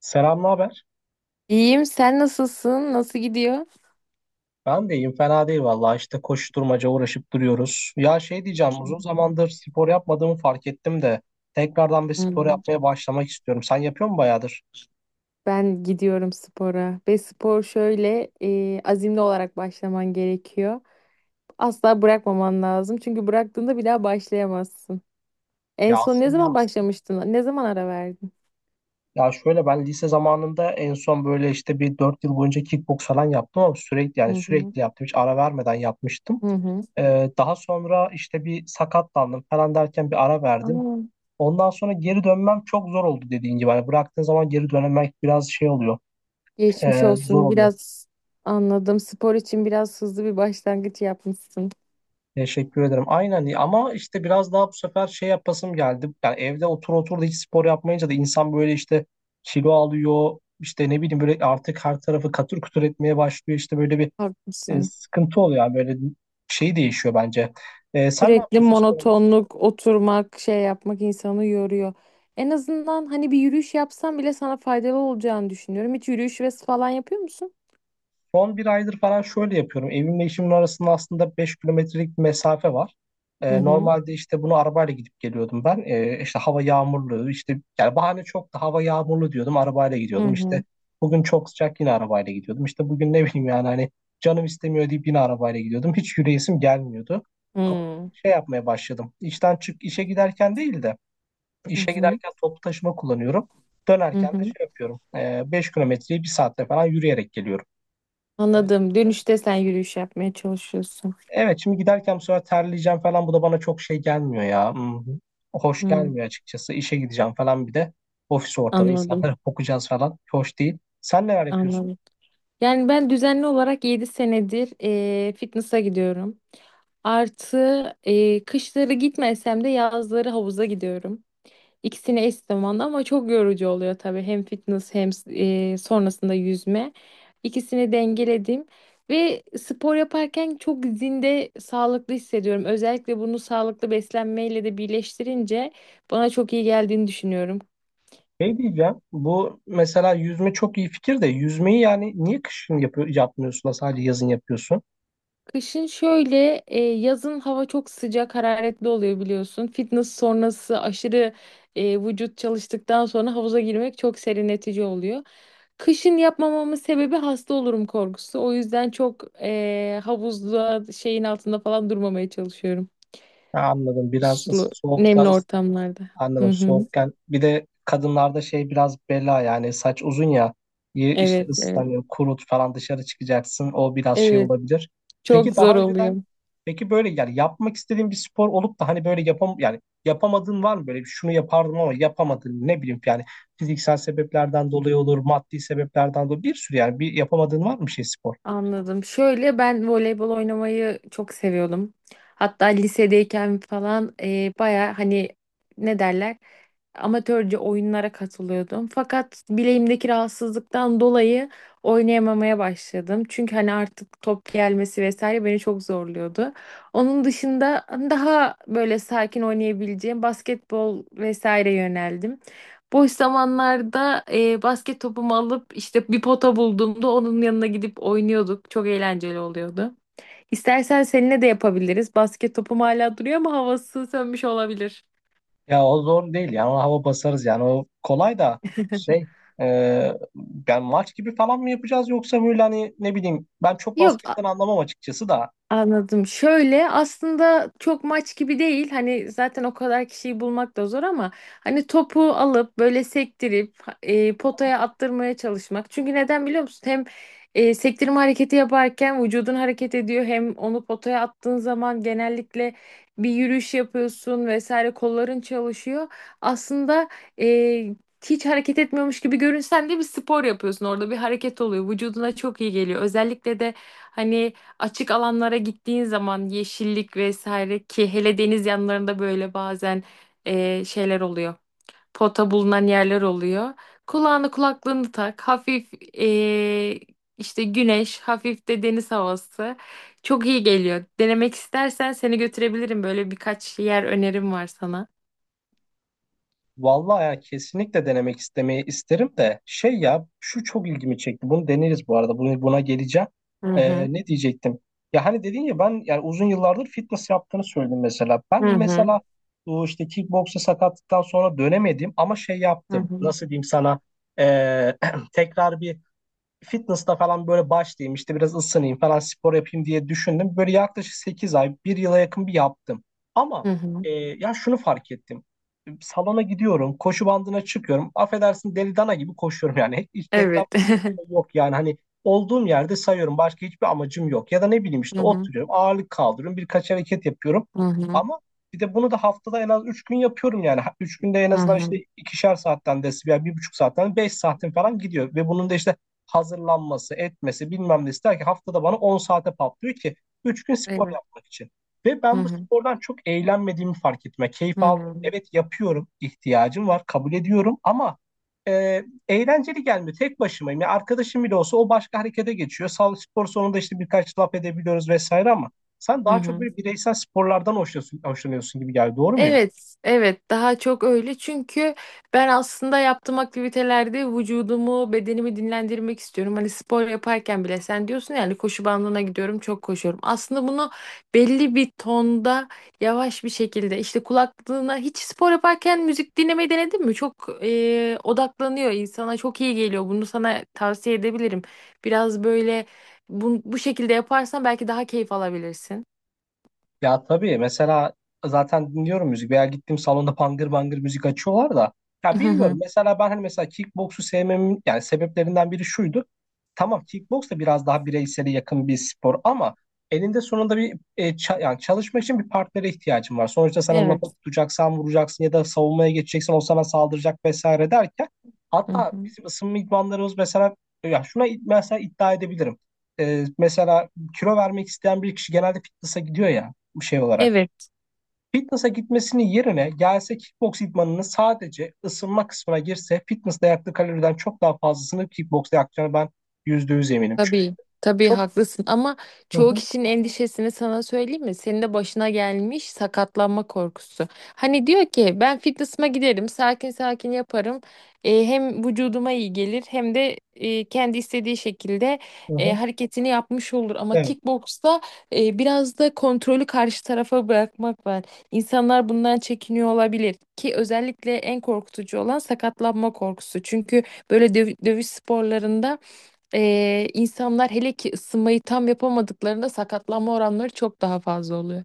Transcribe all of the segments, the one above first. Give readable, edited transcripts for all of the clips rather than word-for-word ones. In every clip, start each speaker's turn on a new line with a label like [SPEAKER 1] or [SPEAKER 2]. [SPEAKER 1] Selam, ne haber?
[SPEAKER 2] İyiyim. Sen nasılsın? Nasıl gidiyor?
[SPEAKER 1] Ben de iyiyim, fena değil vallahi. İşte koşturmaca uğraşıp duruyoruz. Ya şey diyeceğim, uzun zamandır spor yapmadığımı fark ettim de tekrardan bir spor
[SPEAKER 2] Hmm.
[SPEAKER 1] yapmaya başlamak istiyorum. Sen yapıyor musun bayağıdır?
[SPEAKER 2] Ben gidiyorum spora ve spor şöyle azimli olarak başlaman gerekiyor. Asla bırakmaman lazım çünkü bıraktığında bir daha başlayamazsın. En
[SPEAKER 1] Ya
[SPEAKER 2] son ne
[SPEAKER 1] aslında
[SPEAKER 2] zaman
[SPEAKER 1] evet.
[SPEAKER 2] başlamıştın? Ne zaman ara verdin?
[SPEAKER 1] Ya şöyle ben lise zamanında en son böyle işte bir 4 yıl boyunca kickbox falan yaptım ama sürekli
[SPEAKER 2] Hı
[SPEAKER 1] yani
[SPEAKER 2] hı.
[SPEAKER 1] sürekli yaptım. Hiç ara vermeden yapmıştım.
[SPEAKER 2] Hı hı.
[SPEAKER 1] Daha sonra işte bir sakatlandım falan derken bir ara verdim.
[SPEAKER 2] Aa,
[SPEAKER 1] Ondan sonra geri dönmem çok zor oldu dediğin gibi. Hani bıraktığın zaman geri dönmek biraz şey oluyor,
[SPEAKER 2] geçmiş
[SPEAKER 1] zor
[SPEAKER 2] olsun.
[SPEAKER 1] oluyor.
[SPEAKER 2] Biraz anladım. Spor için biraz hızlı bir başlangıç yapmışsın.
[SPEAKER 1] Teşekkür ederim. Aynen ama işte biraz daha bu sefer şey yapasım geldi. Yani evde otur otur da hiç spor yapmayınca da insan böyle işte kilo alıyor. İşte ne bileyim böyle artık her tarafı katır kutur etmeye başlıyor. İşte böyle bir
[SPEAKER 2] Haklısın.
[SPEAKER 1] sıkıntı oluyor. Yani böyle şey değişiyor bence. Sen ne
[SPEAKER 2] Sürekli
[SPEAKER 1] yapıyorsun spor?
[SPEAKER 2] monotonluk, oturmak, şey yapmak insanı yoruyor. En azından hani bir yürüyüş yapsam bile sana faydalı olacağını düşünüyorum. Hiç yürüyüş ve falan yapıyor musun?
[SPEAKER 1] Son bir aydır falan şöyle yapıyorum. Evimle işimin arasında aslında 5 kilometrelik bir mesafe var.
[SPEAKER 2] Hı hı.
[SPEAKER 1] Normalde işte bunu arabayla gidip geliyordum ben. İşte hava yağmurlu, işte yani bahane çok da hava yağmurlu diyordum. Arabayla
[SPEAKER 2] Hı
[SPEAKER 1] gidiyordum. İşte
[SPEAKER 2] hı.
[SPEAKER 1] bugün çok sıcak yine arabayla gidiyordum. İşte bugün ne bileyim yani hani canım istemiyor deyip yine arabayla gidiyordum. Hiç yürüyesim gelmiyordu. Ama
[SPEAKER 2] Hı
[SPEAKER 1] şey yapmaya başladım. İşten çık işe giderken değil de işe
[SPEAKER 2] hı.
[SPEAKER 1] giderken toplu taşıma kullanıyorum.
[SPEAKER 2] Hı
[SPEAKER 1] Dönerken de
[SPEAKER 2] hı.
[SPEAKER 1] şey yapıyorum. 5 kilometreyi bir saatte falan yürüyerek geliyorum. Ee,
[SPEAKER 2] Anladım. Dönüşte sen yürüyüş yapmaya çalışıyorsun.
[SPEAKER 1] Evet, şimdi giderken bu sefer terleyeceğim falan, bu da bana çok şey gelmiyor ya. Hoş
[SPEAKER 2] Hı.
[SPEAKER 1] gelmiyor açıkçası. İşe gideceğim falan, bir de ofis ortamı,
[SPEAKER 2] Anladım.
[SPEAKER 1] insanlara kokacağız falan. Hoş değil. Sen neler yapıyorsun?
[SPEAKER 2] Anladım. Yani ben düzenli olarak 7 senedir fitness'a gidiyorum. Artı kışları gitmesem de yazları havuza gidiyorum. İkisini eş zamanlı ama çok yorucu oluyor tabii. Hem fitness hem sonrasında yüzme. İkisini dengeledim ve spor yaparken çok zinde sağlıklı hissediyorum. Özellikle bunu sağlıklı beslenmeyle de birleştirince bana çok iyi geldiğini düşünüyorum.
[SPEAKER 1] Şey diyeceğim, bu mesela yüzme çok iyi fikir de yüzmeyi yani niye kışın yapmıyorsun da sadece yazın yapıyorsun?
[SPEAKER 2] Kışın şöyle, yazın hava çok sıcak, hararetli oluyor biliyorsun. Fitness sonrası aşırı vücut çalıştıktan sonra havuza girmek çok serinletici oluyor. Kışın yapmamamın sebebi hasta olurum korkusu. O yüzden çok havuzda şeyin altında falan durmamaya çalışıyorum.
[SPEAKER 1] Ha, anladım, biraz
[SPEAKER 2] Sulu, nemli
[SPEAKER 1] soğukta.
[SPEAKER 2] ortamlarda. Hı
[SPEAKER 1] Anladım.
[SPEAKER 2] hı.
[SPEAKER 1] Soğukken bir de kadınlarda şey biraz bela, yani saç uzun ya, işte
[SPEAKER 2] Evet, evet.
[SPEAKER 1] ıslanıyor, kurut falan dışarı çıkacaksın. O biraz şey
[SPEAKER 2] Evet,
[SPEAKER 1] olabilir. Peki
[SPEAKER 2] çok zor
[SPEAKER 1] daha önceden
[SPEAKER 2] oluyor.
[SPEAKER 1] peki böyle yani yapmak istediğin bir spor olup da hani böyle yapamadığın var mı, böyle bir şunu yapardım ama yapamadın, ne bileyim, yani fiziksel sebeplerden dolayı olur, maddi sebeplerden dolayı, bir sürü yani bir yapamadığın var mı bir şey spor?
[SPEAKER 2] Anladım. Şöyle ben voleybol oynamayı çok seviyordum. Hatta lisedeyken falan baya hani ne derler amatörce oyunlara katılıyordum. Fakat bileğimdeki rahatsızlıktan dolayı oynayamamaya başladım. Çünkü hani artık top gelmesi vesaire beni çok zorluyordu. Onun dışında daha böyle sakin oynayabileceğim basketbol vesaire yöneldim. Boş zamanlarda basket topumu alıp işte bir pota bulduğumda onun yanına gidip oynuyorduk. Çok eğlenceli oluyordu. İstersen seninle de yapabiliriz. Basket topum hala duruyor ama havası sönmüş olabilir.
[SPEAKER 1] Ya o zor değil yani, ona hava basarız yani o kolay da şey e, yani maç gibi falan mı yapacağız, yoksa böyle hani ne bileyim, ben çok
[SPEAKER 2] Yok.
[SPEAKER 1] basketten anlamam açıkçası da.
[SPEAKER 2] Anladım. Şöyle aslında çok maç gibi değil. Hani zaten o kadar kişiyi bulmak da zor ama hani topu alıp böyle sektirip potaya attırmaya çalışmak. Çünkü neden biliyor musun? Hem sektirme hareketi yaparken vücudun hareket ediyor hem onu potaya attığın zaman genellikle bir yürüyüş yapıyorsun vesaire kolların çalışıyor. Aslında e, hiç hareket etmiyormuş gibi görünsen de bir spor yapıyorsun. Orada bir hareket oluyor. Vücuduna çok iyi geliyor. Özellikle de hani açık alanlara gittiğin zaman yeşillik vesaire ki hele deniz yanlarında böyle bazen şeyler oluyor. Pota bulunan yerler oluyor. Kulağını kulaklığını tak. Hafif e, işte güneş, hafif de deniz havası. Çok iyi geliyor. Denemek istersen seni götürebilirim. Böyle birkaç yer önerim var sana.
[SPEAKER 1] Vallahi ya, kesinlikle denemek istemeyi isterim de şey ya, şu çok ilgimi çekti, bunu deneriz, bu arada buna geleceğim.
[SPEAKER 2] Hı hı.
[SPEAKER 1] Ne diyecektim, ya hani dedin ya, ben yani uzun yıllardır fitness yaptığını söyledim, mesela
[SPEAKER 2] Hı
[SPEAKER 1] ben
[SPEAKER 2] hı.
[SPEAKER 1] mesela bu işte kickboksa sakatlıktan sonra dönemedim ama şey
[SPEAKER 2] Hı
[SPEAKER 1] yaptım,
[SPEAKER 2] hı.
[SPEAKER 1] nasıl diyeyim sana, e, tekrar bir fitness'ta falan böyle başlayayım, işte biraz ısınayım falan spor yapayım diye düşündüm. Böyle yaklaşık 8 ay, bir yıla yakın bir yaptım.
[SPEAKER 2] Hı
[SPEAKER 1] Ama
[SPEAKER 2] hı.
[SPEAKER 1] ya şunu fark ettim. Salona gidiyorum, koşu bandına çıkıyorum. Affedersin, deli dana gibi koşuyorum yani. Hiç, etrafta
[SPEAKER 2] Evet.
[SPEAKER 1] hiçbir şey yok, yani hani olduğum yerde sayıyorum. Başka hiçbir amacım yok. Ya da ne bileyim
[SPEAKER 2] Hı
[SPEAKER 1] işte
[SPEAKER 2] hı.
[SPEAKER 1] oturuyorum, ağırlık kaldırıyorum, birkaç hareket yapıyorum.
[SPEAKER 2] Hı hı.
[SPEAKER 1] Ama bir de bunu da haftada en az 3 gün yapıyorum yani. 3 günde en
[SPEAKER 2] Hı
[SPEAKER 1] azından
[SPEAKER 2] hı.
[SPEAKER 1] işte 2'şer saatten de, yani 1,5 saatten 5 saatin falan gidiyor. Ve bunun da işte hazırlanması, etmesi, bilmem ne ister ki haftada bana 10 saate patlıyor ki 3 gün spor
[SPEAKER 2] Evet.
[SPEAKER 1] yapmak için. Ve
[SPEAKER 2] Hı
[SPEAKER 1] ben bu
[SPEAKER 2] hı.
[SPEAKER 1] spordan çok eğlenmediğimi fark ettim. Yani keyif
[SPEAKER 2] Hı
[SPEAKER 1] almıyorum.
[SPEAKER 2] hı.
[SPEAKER 1] Evet yapıyorum, ihtiyacım var, kabul ediyorum ama e, eğlenceli gelmiyor. Tek başımayım. Yani arkadaşım bile olsa o başka harekete geçiyor. Sağlık spor sonunda işte birkaç laf edebiliyoruz vesaire ama sen
[SPEAKER 2] Hı
[SPEAKER 1] daha çok
[SPEAKER 2] hı.
[SPEAKER 1] böyle bireysel sporlardan hoşlanıyorsun gibi geldi. Doğru mu?
[SPEAKER 2] Evet, evet daha çok öyle çünkü ben aslında yaptığım aktivitelerde vücudumu, bedenimi dinlendirmek istiyorum. Hani spor yaparken bile sen diyorsun yani koşu bandına gidiyorum, çok koşuyorum. Aslında bunu belli bir tonda yavaş bir şekilde işte kulaklığına hiç spor yaparken müzik dinlemeyi denedin mi? Çok odaklanıyor insana, çok iyi geliyor. Bunu sana tavsiye edebilirim. Biraz böyle bu şekilde yaparsan belki daha keyif alabilirsin.
[SPEAKER 1] Ya tabii mesela, zaten dinliyorum müzik, veya gittiğim salonda bangır bangır müzik açıyorlar da ya
[SPEAKER 2] Hı
[SPEAKER 1] bilmiyorum,
[SPEAKER 2] hı.
[SPEAKER 1] mesela ben hani mesela kickboksu sevmemin yani sebeplerinden biri şuydu. Tamam, kickboks da biraz daha bireysele yakın bir spor ama elinde sonunda bir yani çalışmak için bir partnere ihtiyacın var. Sonuçta sana lapa
[SPEAKER 2] Evet.
[SPEAKER 1] tutacaksan vuracaksın ya da savunmaya geçeceksin o sana saldıracak vesaire derken,
[SPEAKER 2] Hı
[SPEAKER 1] hatta
[SPEAKER 2] hı.
[SPEAKER 1] bizim ısınma idmanlarımız mesela, ya şuna mesela iddia edebilirim. Mesela kilo vermek isteyen bir kişi genelde fitness'a gidiyor ya şey olarak.
[SPEAKER 2] Evet.
[SPEAKER 1] Fitness'a gitmesinin yerine gelse kickbox idmanını sadece ısınma kısmına girse fitness'ta yaktığı kaloriden çok daha fazlasını kickbox'ta yakacağını ben %100 eminim. Çünkü
[SPEAKER 2] Tabii, tabii
[SPEAKER 1] çok.
[SPEAKER 2] haklısın ama
[SPEAKER 1] Hı
[SPEAKER 2] çoğu
[SPEAKER 1] hı,
[SPEAKER 2] kişinin endişesini sana söyleyeyim mi? Senin de başına gelmiş sakatlanma korkusu. Hani diyor ki ben fitness'ıma giderim, sakin sakin yaparım. E, hem vücuduma iyi gelir hem de kendi istediği şekilde
[SPEAKER 1] hı hı.
[SPEAKER 2] hareketini yapmış olur. Ama
[SPEAKER 1] Evet.
[SPEAKER 2] kickboksta biraz da kontrolü karşı tarafa bırakmak var. İnsanlar bundan çekiniyor olabilir ki özellikle en korkutucu olan sakatlanma korkusu. Çünkü böyle dövüş sporlarında insanlar hele ki ısınmayı tam yapamadıklarında sakatlanma oranları çok daha fazla oluyor.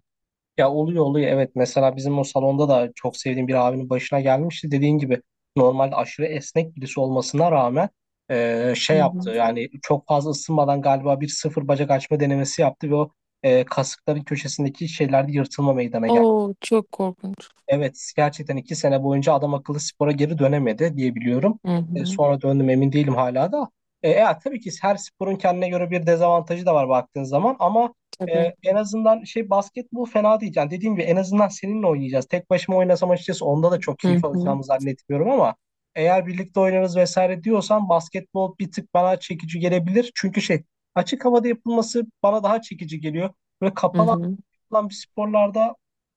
[SPEAKER 1] Ya oluyor oluyor evet. Mesela bizim o salonda da çok sevdiğim bir abinin başına gelmişti. Dediğin gibi normalde aşırı esnek birisi olmasına rağmen şey
[SPEAKER 2] Hı
[SPEAKER 1] yaptı.
[SPEAKER 2] hı.
[SPEAKER 1] Yani çok fazla ısınmadan galiba bir sıfır bacak açma denemesi yaptı ve o kasıkların köşesindeki şeylerde yırtılma meydana geldi.
[SPEAKER 2] Oo çok korkunç.
[SPEAKER 1] Evet, gerçekten 2 sene boyunca adam akıllı spora geri dönemedi diye biliyorum.
[SPEAKER 2] Hı hı.
[SPEAKER 1] Sonra döndüm, emin değilim hala da. Tabii ki her sporun kendine göre bir dezavantajı da var baktığın zaman ama
[SPEAKER 2] Tabii.
[SPEAKER 1] en azından şey basketbol fena değil. Yani dediğim gibi en azından seninle oynayacağız. Tek başıma oynasam açıkçası onda da çok keyif
[SPEAKER 2] Hı hı.
[SPEAKER 1] alacağımı zannetmiyorum ama eğer birlikte oynarız vesaire diyorsan basketbol bir tık bana çekici gelebilir. Çünkü şey açık havada yapılması bana daha çekici geliyor. Böyle
[SPEAKER 2] Hı
[SPEAKER 1] kapalı
[SPEAKER 2] hı.
[SPEAKER 1] yapılan bir sporlarda,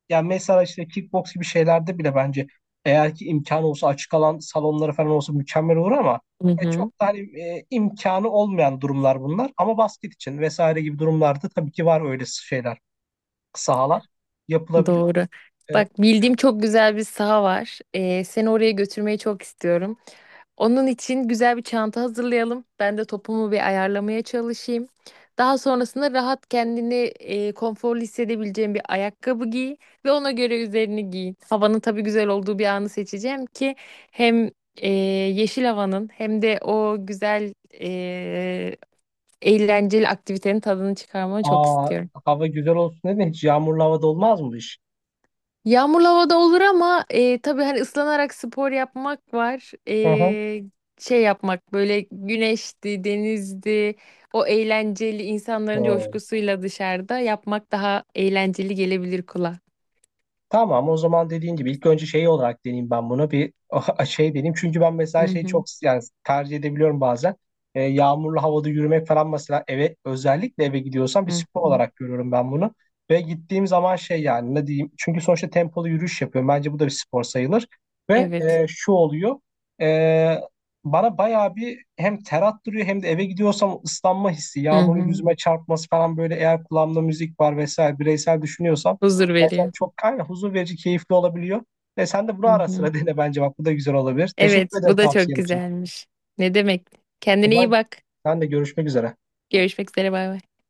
[SPEAKER 1] yani mesela işte kickbox gibi şeylerde bile bence eğer ki imkanı olsa açık alan salonları falan olsa mükemmel olur ama
[SPEAKER 2] Hı hı.
[SPEAKER 1] çok da hani imkanı olmayan durumlar bunlar. Ama basket için vesaire gibi durumlarda tabii ki var öyle şeyler, sahalar yapılabilir.
[SPEAKER 2] Doğru.
[SPEAKER 1] E,
[SPEAKER 2] Bak bildiğim çok güzel bir saha var. Seni oraya götürmeyi çok istiyorum. Onun için güzel bir çanta hazırlayalım. Ben de topumu bir ayarlamaya çalışayım. Daha sonrasında rahat kendini konforlu hissedebileceğin bir ayakkabı giy ve ona göre üzerini giy. Havanın tabii güzel olduğu bir anı seçeceğim ki hem yeşil havanın hem de o güzel e, eğlenceli aktivitenin tadını çıkarmanı çok
[SPEAKER 1] aa,
[SPEAKER 2] istiyorum.
[SPEAKER 1] Hava güzel olsun dedi, hiç yağmurlu havada olmaz mı bu iş?
[SPEAKER 2] Yağmurlu havada olur ama tabii hani ıslanarak spor yapmak var.
[SPEAKER 1] Hı hı.
[SPEAKER 2] Şey yapmak böyle güneşti, denizdi, o eğlenceli insanların
[SPEAKER 1] Hı.
[SPEAKER 2] coşkusuyla dışarıda yapmak daha eğlenceli gelebilir kulağa.
[SPEAKER 1] Tamam, o zaman dediğin gibi ilk önce şey olarak deneyeyim ben bunu bir şey deneyeyim. Çünkü ben
[SPEAKER 2] Hı
[SPEAKER 1] mesela şeyi çok
[SPEAKER 2] hı,
[SPEAKER 1] yani tercih edebiliyorum bazen. Yağmurlu havada yürümek falan, mesela eve, özellikle eve gidiyorsam bir
[SPEAKER 2] hı
[SPEAKER 1] spor
[SPEAKER 2] hı.
[SPEAKER 1] olarak görüyorum ben bunu. Ve gittiğim zaman şey yani ne diyeyim, çünkü sonuçta tempolu yürüyüş yapıyorum. Bence bu da bir spor sayılır. Ve
[SPEAKER 2] Evet.
[SPEAKER 1] şu oluyor, e, bana bayağı bir hem ter attırıyor hem de eve gidiyorsam ıslanma hissi,
[SPEAKER 2] Hı
[SPEAKER 1] yağmurun
[SPEAKER 2] hı.
[SPEAKER 1] yüzüme çarpması falan, böyle eğer kulağımda müzik var vesaire, bireysel düşünüyorsam.
[SPEAKER 2] Huzur
[SPEAKER 1] Gerçekten
[SPEAKER 2] veriyor.
[SPEAKER 1] çok aynen, huzur verici, keyifli olabiliyor. Sen de bunu
[SPEAKER 2] Hı
[SPEAKER 1] ara
[SPEAKER 2] hı.
[SPEAKER 1] sıra dene bence, bak bu da güzel olabilir.
[SPEAKER 2] Evet,
[SPEAKER 1] Teşekkür ederim
[SPEAKER 2] bu da çok
[SPEAKER 1] tavsiyen için.
[SPEAKER 2] güzelmiş. Ne demek?
[SPEAKER 1] O
[SPEAKER 2] Kendine iyi
[SPEAKER 1] zaman
[SPEAKER 2] bak.
[SPEAKER 1] sen de görüşmek üzere.
[SPEAKER 2] Görüşmek üzere, bay bay.